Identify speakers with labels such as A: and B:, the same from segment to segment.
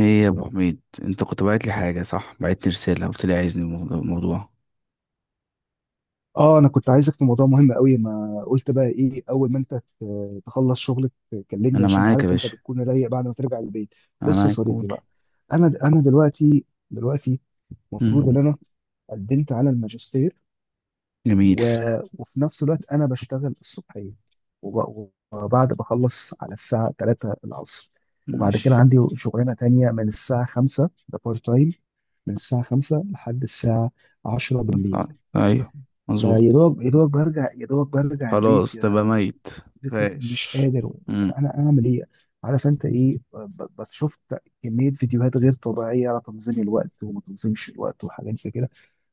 A: ايه يا ابو حميد، انت كنت باعت لي حاجه، صح؟ بعت لي رساله قلت لي عايزني الموضوع.
B: اه، انا كنت عايزك في موضوع مهم قوي. ما قلت بقى ايه؟ اول ما انت تخلص شغلك كلمني،
A: انا
B: عشان انت
A: معاك يا
B: عارف انت
A: باشا،
B: بتكون رايق بعد ما ترجع البيت.
A: انا
B: بص يا
A: معاك،
B: صديقي
A: قول.
B: بقى، انا دلوقتي المفروض ان
A: مم.
B: انا قدمت على الماجستير، و...
A: جميل.
B: وفي نفس الوقت انا بشتغل الصبحيه، وبعد بخلص على الساعه 3 العصر، وبعد كده
A: ماشي.
B: عندي شغلانه تانية من الساعه 5، ده بارت تايم، من الساعه 5 لحد الساعه 10 بالليل.
A: آه، ايوه،
B: فيا
A: مظبوط.
B: دوبك يا دوبك برجع البيت
A: خلاص تبقى
B: يا
A: ميت
B: صديقي، مش
A: فاش.
B: قادر. طب
A: مم.
B: انا اعمل ايه؟ عارف انت ايه، شفت كميه فيديوهات غير طبيعيه على تنظيم الوقت وما تنظيمش الوقت وحاجات زي كده،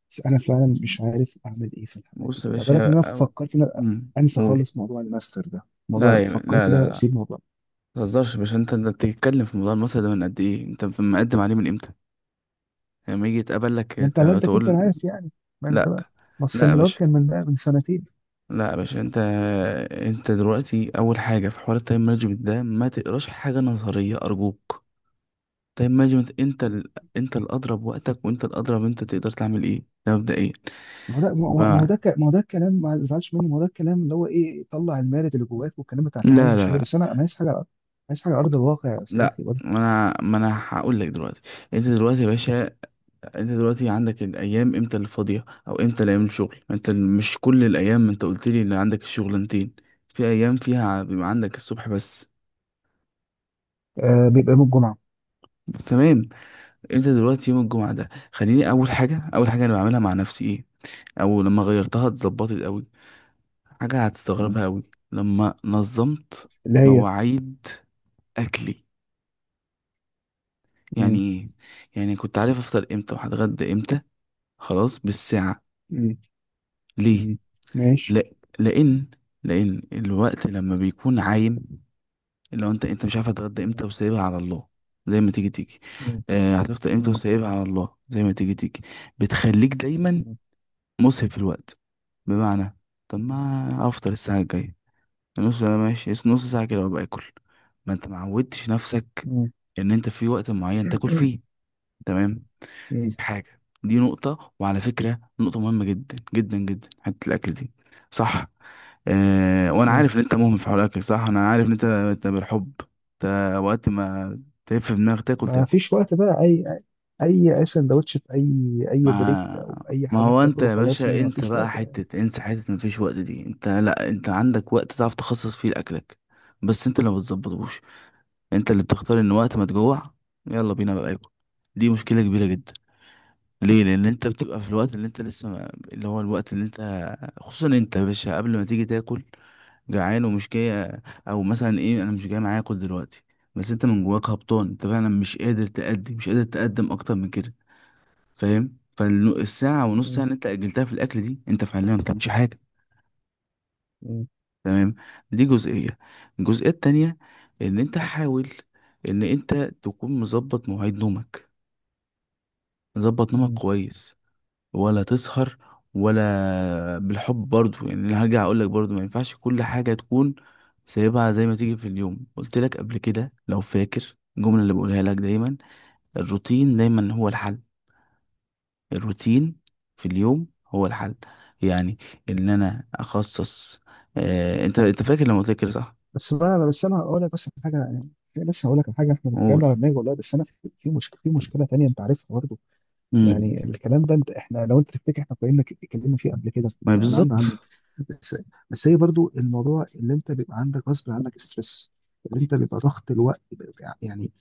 B: بس انا فعلا مش عارف اعمل ايه في الحاجات دي
A: بص يا
B: كلها. بالك
A: باشا،
B: ان انا فكرت ان أنا
A: مم.
B: انسى
A: قول.
B: خالص موضوع الماستر ده، موضوع فكرت
A: لا
B: ان
A: لا
B: انا
A: لا.
B: اسيب الموضوع.
A: متهزرش يا باشا، انت بتتكلم في موضوع المسألة ده من قد ايه؟ انت مقدم عليه من امتى؟ لما يجي يتقبل لك
B: ما انت على قدك انت،
A: تقول.
B: أنا عارف يعني. ما انت
A: لا.
B: بقى، ما
A: لا يا
B: السيمينار
A: باشا،
B: كان من بقى من سنتين.
A: لا يا باشا، انت. انت دلوقتي اول حاجه، في حوار التايم مانجمنت ده، ما تقراش حاجه نظريه ارجوك. تايم مانجمنت. انت الاضرب وقتك، وانت الاضرب انت تقدر تعمل ايه، ده مبدئيا.
B: ما هو ده ما هو ما
A: ب...
B: هو ده ك- ما هو ده الكلام، ما تزعلش منه، ما هو ده الكلام اللي هو ايه، طلع المارد اللي جواك والكلام بتاع تمام،
A: لا لا
B: مش هي،
A: لا.
B: بس انا عايز حاجه على ارض الواقع يا
A: لا،
B: صديقي برضه.
A: ما انا هقول لك دلوقتي. انت دلوقتي يا باشا، انت دلوقتي عندك الايام امتى اللي فاضيه، او امتى اللي ايام الشغل، مش كل الايام، انت قلت لي اللي عندك الشغلانتين، في ايام فيها بيبقى عندك الصبح بس.
B: آه، بيبقى يوم الجمعه.
A: تمام. انت دلوقتي يوم الجمعه ده، خليني اول حاجه انا بعملها مع نفسي ايه، او لما غيرتها اتظبطت قوي، حاجه
B: مم.
A: هتستغربها قوي. لما نظمت
B: اللي هي.
A: مواعيد اكلي. يعني
B: مم.
A: ايه؟ يعني كنت عارف افطر امتى وهتغدى امتى، خلاص بالساعه.
B: مم.
A: ليه؟
B: مم. ماشي.
A: لا، لان، لان الوقت لما بيكون عايم، اللي هو انت مش عارف هتغدى امتى
B: مم.
A: وسايبها على الله، زي ما تيجي تيجي.
B: مم.
A: آه، هتفطر امتى
B: مم.
A: وسايبها على الله زي ما تيجي تيجي. بتخليك دايما
B: مم.
A: مسهب في الوقت. بمعنى، طب ما افطر الساعة الجاية، نص ساعة ماشي، نص ساعة كده وابقى اكل. ما انت ما عودتش نفسك
B: مم.
A: ان انت في وقت معين تاكل فيه. تمام.
B: مم.
A: دي حاجة، دي نقطة، وعلى فكرة نقطة مهمة جدا جدا جدا، حتة الاكل دي. صح. آه، وانا
B: مم.
A: عارف ان انت مهمل في حوار الاكل، صح، انا عارف ان انت بالحب، انت وقت ما تلف في دماغك تاكل
B: ما
A: تاكل.
B: فيش وقت بقى، اي سندوتش، في اي بريك
A: ما،
B: او اي
A: ما
B: حاجه
A: هو انت
B: بتاكله
A: يا
B: خلاص
A: باشا
B: يعني، ما
A: انسى
B: فيش
A: بقى،
B: وقت بقى.
A: حتة انسى حتة مفيش وقت دي، انت لا، انت عندك وقت تعرف تخصص فيه لأكلك، بس انت اللي ما بتظبطوش، انت اللي بتختار ان وقت ما تجوع يلا بينا بقى اكل. دي مشكلة كبيرة جدا. ليه؟ لان انت بتبقى في الوقت اللي انت لسه ما... اللي هو الوقت اللي انت، خصوصا انت يا باشا قبل ما تيجي تاكل جعان ومش جاي، او مثلا ايه، انا مش جاي معايا اكل دلوقتي، بس انت من جواك هبطان، انت فعلا مش قادر تأدي، مش قادر تقدم اكتر من كده. فاهم؟ فالساعة ونص ساعة
B: مم.
A: اللي انت أجلتها في الأكل دي، انت فعليا ما بتعملش حاجة. تمام. دي جزئية. الجزئية التانية، إن انت حاول إن انت تكون مظبط مواعيد نومك، مظبط نومك
B: مم.
A: كويس، ولا تسهر، ولا بالحب برضو، يعني انا هرجع أقولك برضو ما ينفعش كل حاجة تكون سايبها زي ما تيجي في اليوم. قلت لك قبل كده لو فاكر الجملة اللي بقولها لك دايما، الروتين دايما هو الحل، الروتين في اليوم هو الحل. يعني ان انا اخصص. آه، انت فاكر لما قلت لك كده، صح؟
B: بس بقى، بس انا هقول لك بس حاجه يعني، لسه هقول لك على حاجه، احنا بنتكلم
A: قول.
B: على دماغي والله. بس انا في مشكله تانيه انت عارفها برضه.
A: امم.
B: يعني الكلام ده، انت احنا لو انت تفتكر احنا اتكلمنا فيه قبل كده،
A: ما
B: فانا عندي عنه.
A: بالظبط.
B: بس، بس هي برضه الموضوع اللي انت بيبقى عندك غصب عنك ستريس، اللي انت بيبقى ضغط الوقت يعني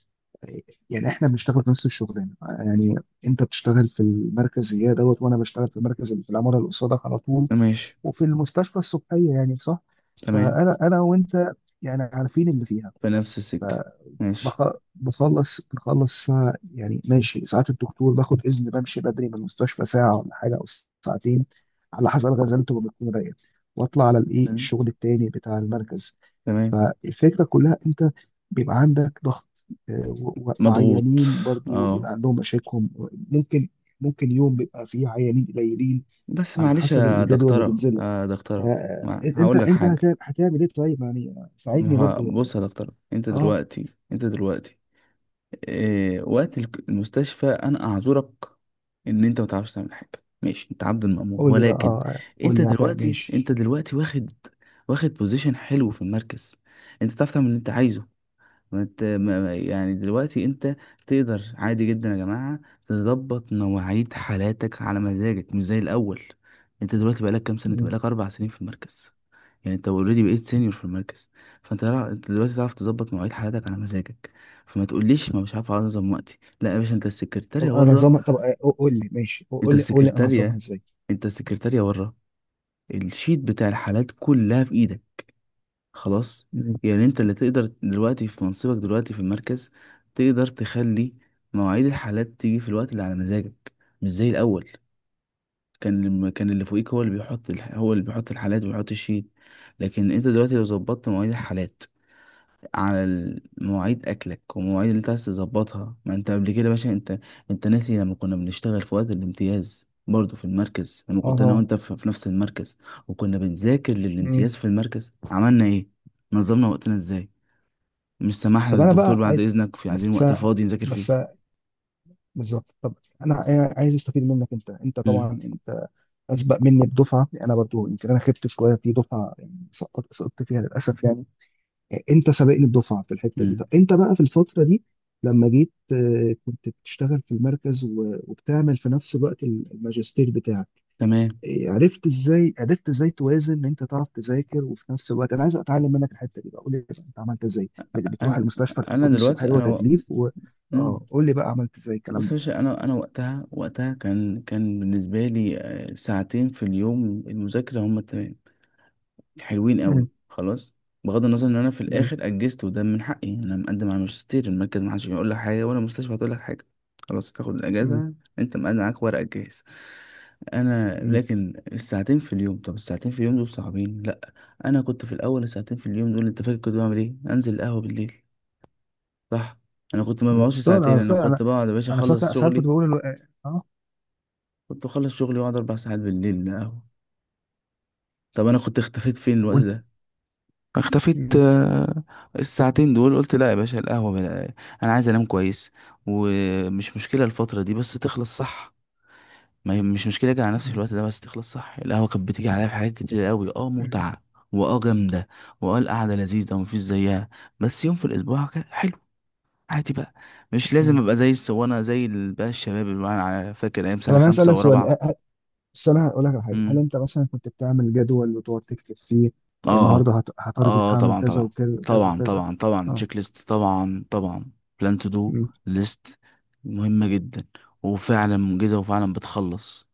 B: يعني احنا بنشتغل في نفس الشغلانه يعني، انت بتشتغل في المركز يا دوت، وانا بشتغل في المركز اللي في العماره اللي قصادك على طول،
A: ماشي.
B: وفي المستشفى الصبحيه، يعني صح.
A: تمام.
B: فانا انا وانت، يعني عارفين اللي فيها.
A: في نفس السكه. ماشي.
B: بخلص ساعة يعني ماشي، ساعات الدكتور باخد اذن بمشي بدري من المستشفى ساعه ولا حاجه او ساعتين، على حسب غزلته وبكون رايق، واطلع على الايه،
A: تمام.
B: الشغل التاني بتاع المركز.
A: تمام.
B: الفكره كلها انت بيبقى عندك ضغط، آه،
A: مضغوط.
B: وعيانين برضو بيبقى
A: اه.
B: عندهم مشاكل، ممكن ممكن يوم بيبقى فيه عيانين قليلين،
A: بس
B: على
A: معلش
B: حسب
A: يا
B: الجدول اللي
A: دكتوره
B: بينزل.
A: يا دكتوره،
B: آه، انت
A: هقول لك
B: انت
A: حاجه.
B: هتعمل ايه طيب يعني؟
A: ما
B: ساعدني
A: هو-
B: برضو.
A: بص يا دكتوره، انت
B: اه
A: دلوقتي انت دلوقتي إيه وقت المستشفى، انا اعذرك ان انت ما تعرفش تعمل حاجه، ماشي، انت عبد المأمور،
B: قول لي بقى،
A: ولكن
B: اه قول
A: انت
B: لي هتعمل
A: دلوقتي،
B: ماشي.
A: انت دلوقتي واخد بوزيشن حلو في المركز، انت تعرف تعمل اللي انت عايزه. ما انت، يعني دلوقتي انت تقدر عادي جدا يا جماعه تظبط مواعيد حالاتك على مزاجك، مش زي الاول. انت دلوقتي بقالك كام سنه، انت
B: مم.
A: بقالك 4 سنين في المركز، يعني انت اوريدي بقيت سينيور في المركز. فانت لا- انت دلوقتي تعرف تظبط مواعيد حالاتك على مزاجك. فما تقوليش ما مش عارف انظم وقتي، لا يا باشا، انت
B: طب
A: السكرتارية
B: انا
A: بره،
B: نظامها، طب آه، قول لي ماشي،
A: انت
B: قول لي انا نظامها
A: السكرتارية
B: ازاي.
A: انت السكرتارية بره، الشيت بتاع الحالات كلها في ايدك، خلاص.
B: مم.
A: يعني انت اللي تقدر دلوقتي في منصبك، دلوقتي في المركز، تقدر تخلي مواعيد الحالات تيجي في الوقت اللي على مزاجك، مش زي الاول، كان اللي فوقيك هو اللي بيحط هو اللي بيحط الحالات وبيحط الشيت. لكن انت دلوقتي لو ظبطت مواعيد الحالات على مواعيد اكلك ومواعيد اللي انت عايز تظبطها. ما انت قبل كده يا باشا انت، انت ناسي لما كنا بنشتغل في وقت الامتياز برضه في المركز، لما
B: اه
A: كنت انا
B: طبعا.
A: وانت في نفس المركز، وكنا بنذاكر
B: مم.
A: للامتياز في المركز، عملنا ايه؟ نظمنا وقتنا ازاي؟ مش سمحنا
B: طب انا
A: للدكتور
B: بقى
A: بعد
B: عايز
A: اذنك في، عايزين
B: بس
A: وقت فاضي نذاكر
B: بس
A: فيه.
B: بالظبط طب انا عايز استفيد منك. انت طبعا
A: امم.
B: انت اسبق مني بدفعه، انا برضو يمكن انا خدت شويه في دفعه يعني، سقطت فيها للاسف يعني. انت سابقني الدفعه في الحته دي. طب
A: امم.
B: انت بقى في الفتره دي لما جيت، آه، كنت بتشتغل في المركز وبتعمل في نفس الوقت الماجستير بتاعك.
A: تمام.
B: إيه، عرفت ازاي توازن ان انت تعرف تذاكر وفي نفس الوقت؟ انا عايز اتعلم منك الحته دي بقى، قول لي بقى انت عملت ازاي. بتروح
A: انا
B: المستشفى
A: انا
B: الحكومي الصبح
A: دلوقتي
B: اللي هو تكليف،
A: مم.
B: اه قول لي بقى عملت ازاي الكلام
A: بص
B: ده.
A: يا باشا، انا وقتها، وقتها كان بالنسبه لي، ساعتين في اليوم المذاكره هم التمام، حلوين
B: مم.
A: قوي، خلاص. بغض النظر ان انا في
B: مم.
A: الاخر اجزت، وده من حقي، انا مقدم على الماجستير، المركز ما حدش هيقول لك حاجه، ولا المستشفى هتقول لك حاجه، خلاص تاخد
B: مم.
A: الاجازه، انت مقدم، معاك ورقك جاهز. انا
B: مم.
A: لكن الساعتين في اليوم، طب الساعتين في اليوم دول صعبين؟ لا. انا كنت في الاول الساعتين في اليوم دول، انت فاكر كنت بعمل ايه؟ انزل القهوه بالليل، صح؟ انا كنت ما
B: انا
A: بقعدش
B: بستغرب انا
A: ساعتين، انا
B: بستغرب انا
A: كنت بقعد يا باشا
B: انا
A: اخلص
B: ساعات كنت
A: شغلي،
B: بقول اه،
A: كنت اخلص شغلي واقعد 4 ساعات بالليل القهوه. طب انا كنت اختفيت فين الوقت
B: وانت.
A: ده؟ اختفيت.
B: مم.
A: الساعتين دول قلت لا يا باشا القهوة انا عايز انام كويس، ومش مشكلة الفترة دي بس تخلص، صح؟ ما هي مش مشكلة اجي على نفسي في
B: مم.
A: الوقت ده بس تخلص، صح؟ القهوة كانت بتيجي عليا في حاجات كتير قوي، اه متعة، واه جامدة، واه القعدة لذيذة ومفيش زيها. بس يوم في الاسبوع كان حلو، عادي بقى، مش لازم
B: مم.
A: ابقى زي الصوانة، بقى الشباب اللي انا فاكر ايام
B: طب
A: سنة
B: انا عايز
A: خمسة
B: اسالك
A: ورابعة.
B: سؤال، بس انا هقول لك على حاجه، هل انت مثلا كنت بتعمل جدول وتقعد تكتب فيه
A: اه. اه.
B: النهارده، هت- هتارجت
A: آه،
B: هعمل
A: طبعا
B: كذا
A: طبعا
B: وكذا وكذا
A: طبعا.
B: وكذا؟
A: طبعا طبعا،
B: اه.
A: تشيك ليست، طبعا طبعا. بلان تو دو
B: مم.
A: ليست، مهمة جدا، وفعلا منجزة، وفعلا بتخلص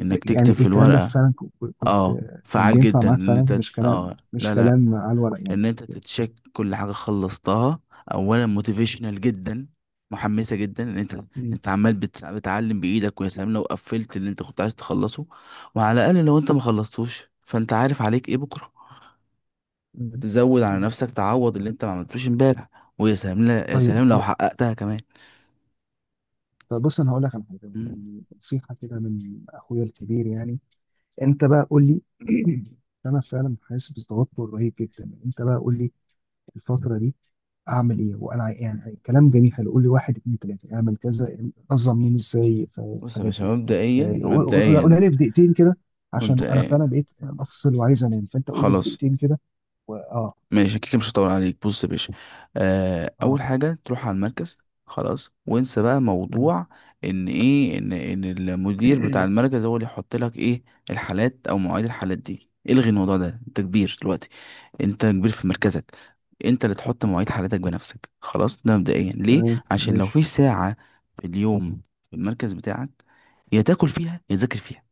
A: انك تكتب
B: يعني
A: في
B: الكلام ده
A: الورقة.
B: فعلا، كنت
A: اه،
B: كان
A: فعال
B: بينفع
A: جدا،
B: معاك
A: ان
B: فعلا،
A: انت،
B: مش كلام
A: اه،
B: مش
A: لا لا،
B: كلام على الورق يعني.
A: ان انت تتشيك كل حاجة خلصتها، اولا موتيفيشنال جدا، محمسة جدا ان انت،
B: مم.
A: انت عمال بتعلم بايدك، ويا سلام لو قفلت اللي انت كنت عايز تخلصه. وعلى الاقل لو انت ما خلصتوش، فانت عارف عليك ايه بكرة،
B: مم.
A: تزود على نفسك تعوض اللي انت ما عملتوش امبارح. ويا سلام، لا يا
B: طيب،
A: سلام لو حققتها كمان.
B: طب بص انا هقول لك على حاجه،
A: مم.
B: نصيحه كده من اخويا الكبير يعني. انت بقى قول لي انا فعلا حاسس بتوتر رهيب جدا. انت بقى قول لي الفترة دي اعمل ايه وانا يعني كلام جميل حلو، قول لي واحد اتنين تلاته اعمل كذا، نظم يومي ازاي في
A: بص يا
B: الحاجات
A: باشا،
B: دي.
A: مبدئيا،
B: قولها
A: مبدئيا،
B: لي في دقيقتين كده، عشان انا
A: مبدئيا،
B: فعلا بقيت افصل وعايز انام، فانت قول لي في
A: خلاص،
B: دقيقتين كده. اه.
A: ماشي كده مش هطول عليك. بص يا باشا، آه،
B: اه.
A: اول حاجه تروح على المركز، خلاص، وانسى بقى
B: مم.
A: موضوع ان ايه، ان المدير بتاع المركز هو اللي يحط لك ايه، الحالات او مواعيد الحالات دي، الغي الموضوع ده، انت كبير دلوقتي، انت كبير في مركزك، انت اللي تحط مواعيد حالتك بنفسك، خلاص. ده مبدئيا، ليه؟
B: تمام،
A: عشان لو
B: ماشي.
A: في ساعة في اليوم في المركز بتاعك، يا تاكل فيها يا تذاكر فيها،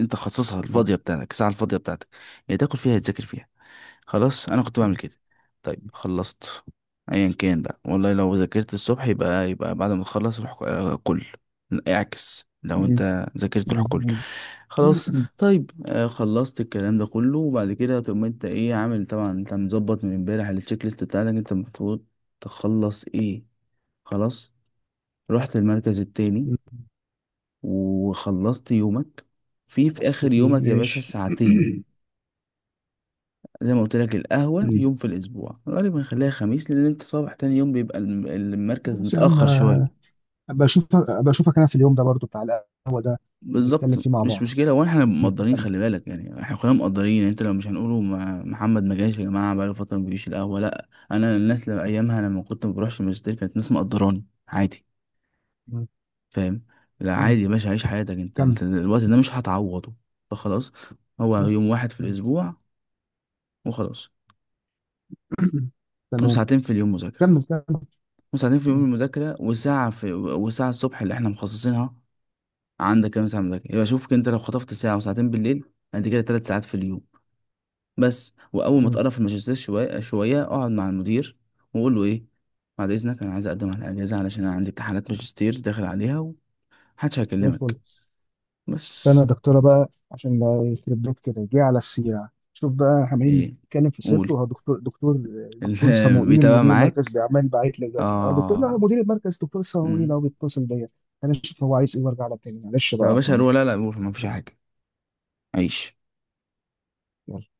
A: انت خصصها،
B: مم.
A: الفاضية بتاعتك، الساعة الفاضية بتاعتك، يا تاكل فيها يا تذاكر فيها، خلاص. انا كنت بعمل
B: مم.
A: كده. طيب، خلصت، ايا كان بقى والله، لو ذاكرت الصبح يبقى بعد ما تخلص روح كل. اعكس، لو
B: مم.
A: انت ذاكرت روح
B: مم.
A: كل، خلاص.
B: مم.
A: طيب، خلصت الكلام ده كله، وبعد كده تقوم انت ايه عامل؟ طبعا انت مظبط من امبارح التشيك ليست بتاعتك، انت المفروض تخلص ايه، خلاص، رحت المركز التاني
B: مم.
A: وخلصت يومك. في
B: اصل
A: اخر
B: فيه
A: يومك يا باشا
B: ماشي.
A: ساعتين. زي ما قلت لك، القهوة
B: مم.
A: يوم في الأسبوع، غالبا هنخليها خميس، لأن أنت صباح تاني يوم بيبقى المركز
B: بس يا عم،
A: متأخر شويه.
B: ابقى اشوفك ابقى اشوفك انا في اليوم ده برضو بتاع القهوه ده، نتكلم
A: بالظبط.
B: فيه مع
A: مش
B: بعض.
A: مشكلة، وإحنا
B: كمل
A: مقدرين،
B: كمل.
A: خلي بالك، يعني إحنا كلنا مقدرين يعني. أنت لو مش هنقوله ما محمد ما جاش يا جماعة بقاله فترة ما بيجيش القهوة، لأ، أنا الناس لما أيامها لما كنت ما بروحش الماجستير، كانت ناس مقدراني عادي.
B: مم.
A: فاهم؟ لا،
B: مم.
A: عادي يا باشا، عيش حياتك، أنت
B: كمل.
A: أنت الوقت ده مش هتعوضه. فخلاص، هو
B: صح.
A: يوم واحد في
B: تمام.
A: الأسبوع، وخلاص.
B: تمام.
A: وساعتين في اليوم مذاكرة،
B: كمل كمل.
A: وساعتين في يوم
B: مم.
A: المذاكرة، وساعة في، وساعة الصبح اللي احنا مخصصينها، عندك كام ساعة مذاكرة؟ يبقى شوف انت، لو خطفت ساعة وساعتين بالليل، انت كده 3 ساعات في اليوم، بس. وأول ما
B: مم.
A: تقرب في الماجستير شوية شوية، اقعد مع المدير وقول له ايه، بعد إذنك أنا عايز أقدم على أجازة علشان أنا عندي امتحانات ماجستير داخل عليها، ومحدش
B: زي الفل.
A: هيكلمك.
B: استنى
A: بس
B: يا دكتوره بقى، عشان ده يخرب بيت كده جه على السيره، شوف بقى احنا عمالين
A: ايه،
B: نتكلم في
A: قول.
B: سيرته. هو دكتور، دكتور
A: اللي
B: دكتور صموئيل
A: بيتابع
B: مدير المركز
A: معاك.
B: بيعمل، باعت لي دلوقتي، اه لا،
A: اه.
B: مدير المركز دكتور صموئيل
A: مم.
B: هو بيتصل بيا. انا اشوف هو عايز ايه وارجع لك تاني، معلش
A: طب
B: بقى
A: يا
B: يا
A: باشا هروح.
B: صديقي.
A: لا لا، قول، مفيش حاجة. عيش.
B: يلا.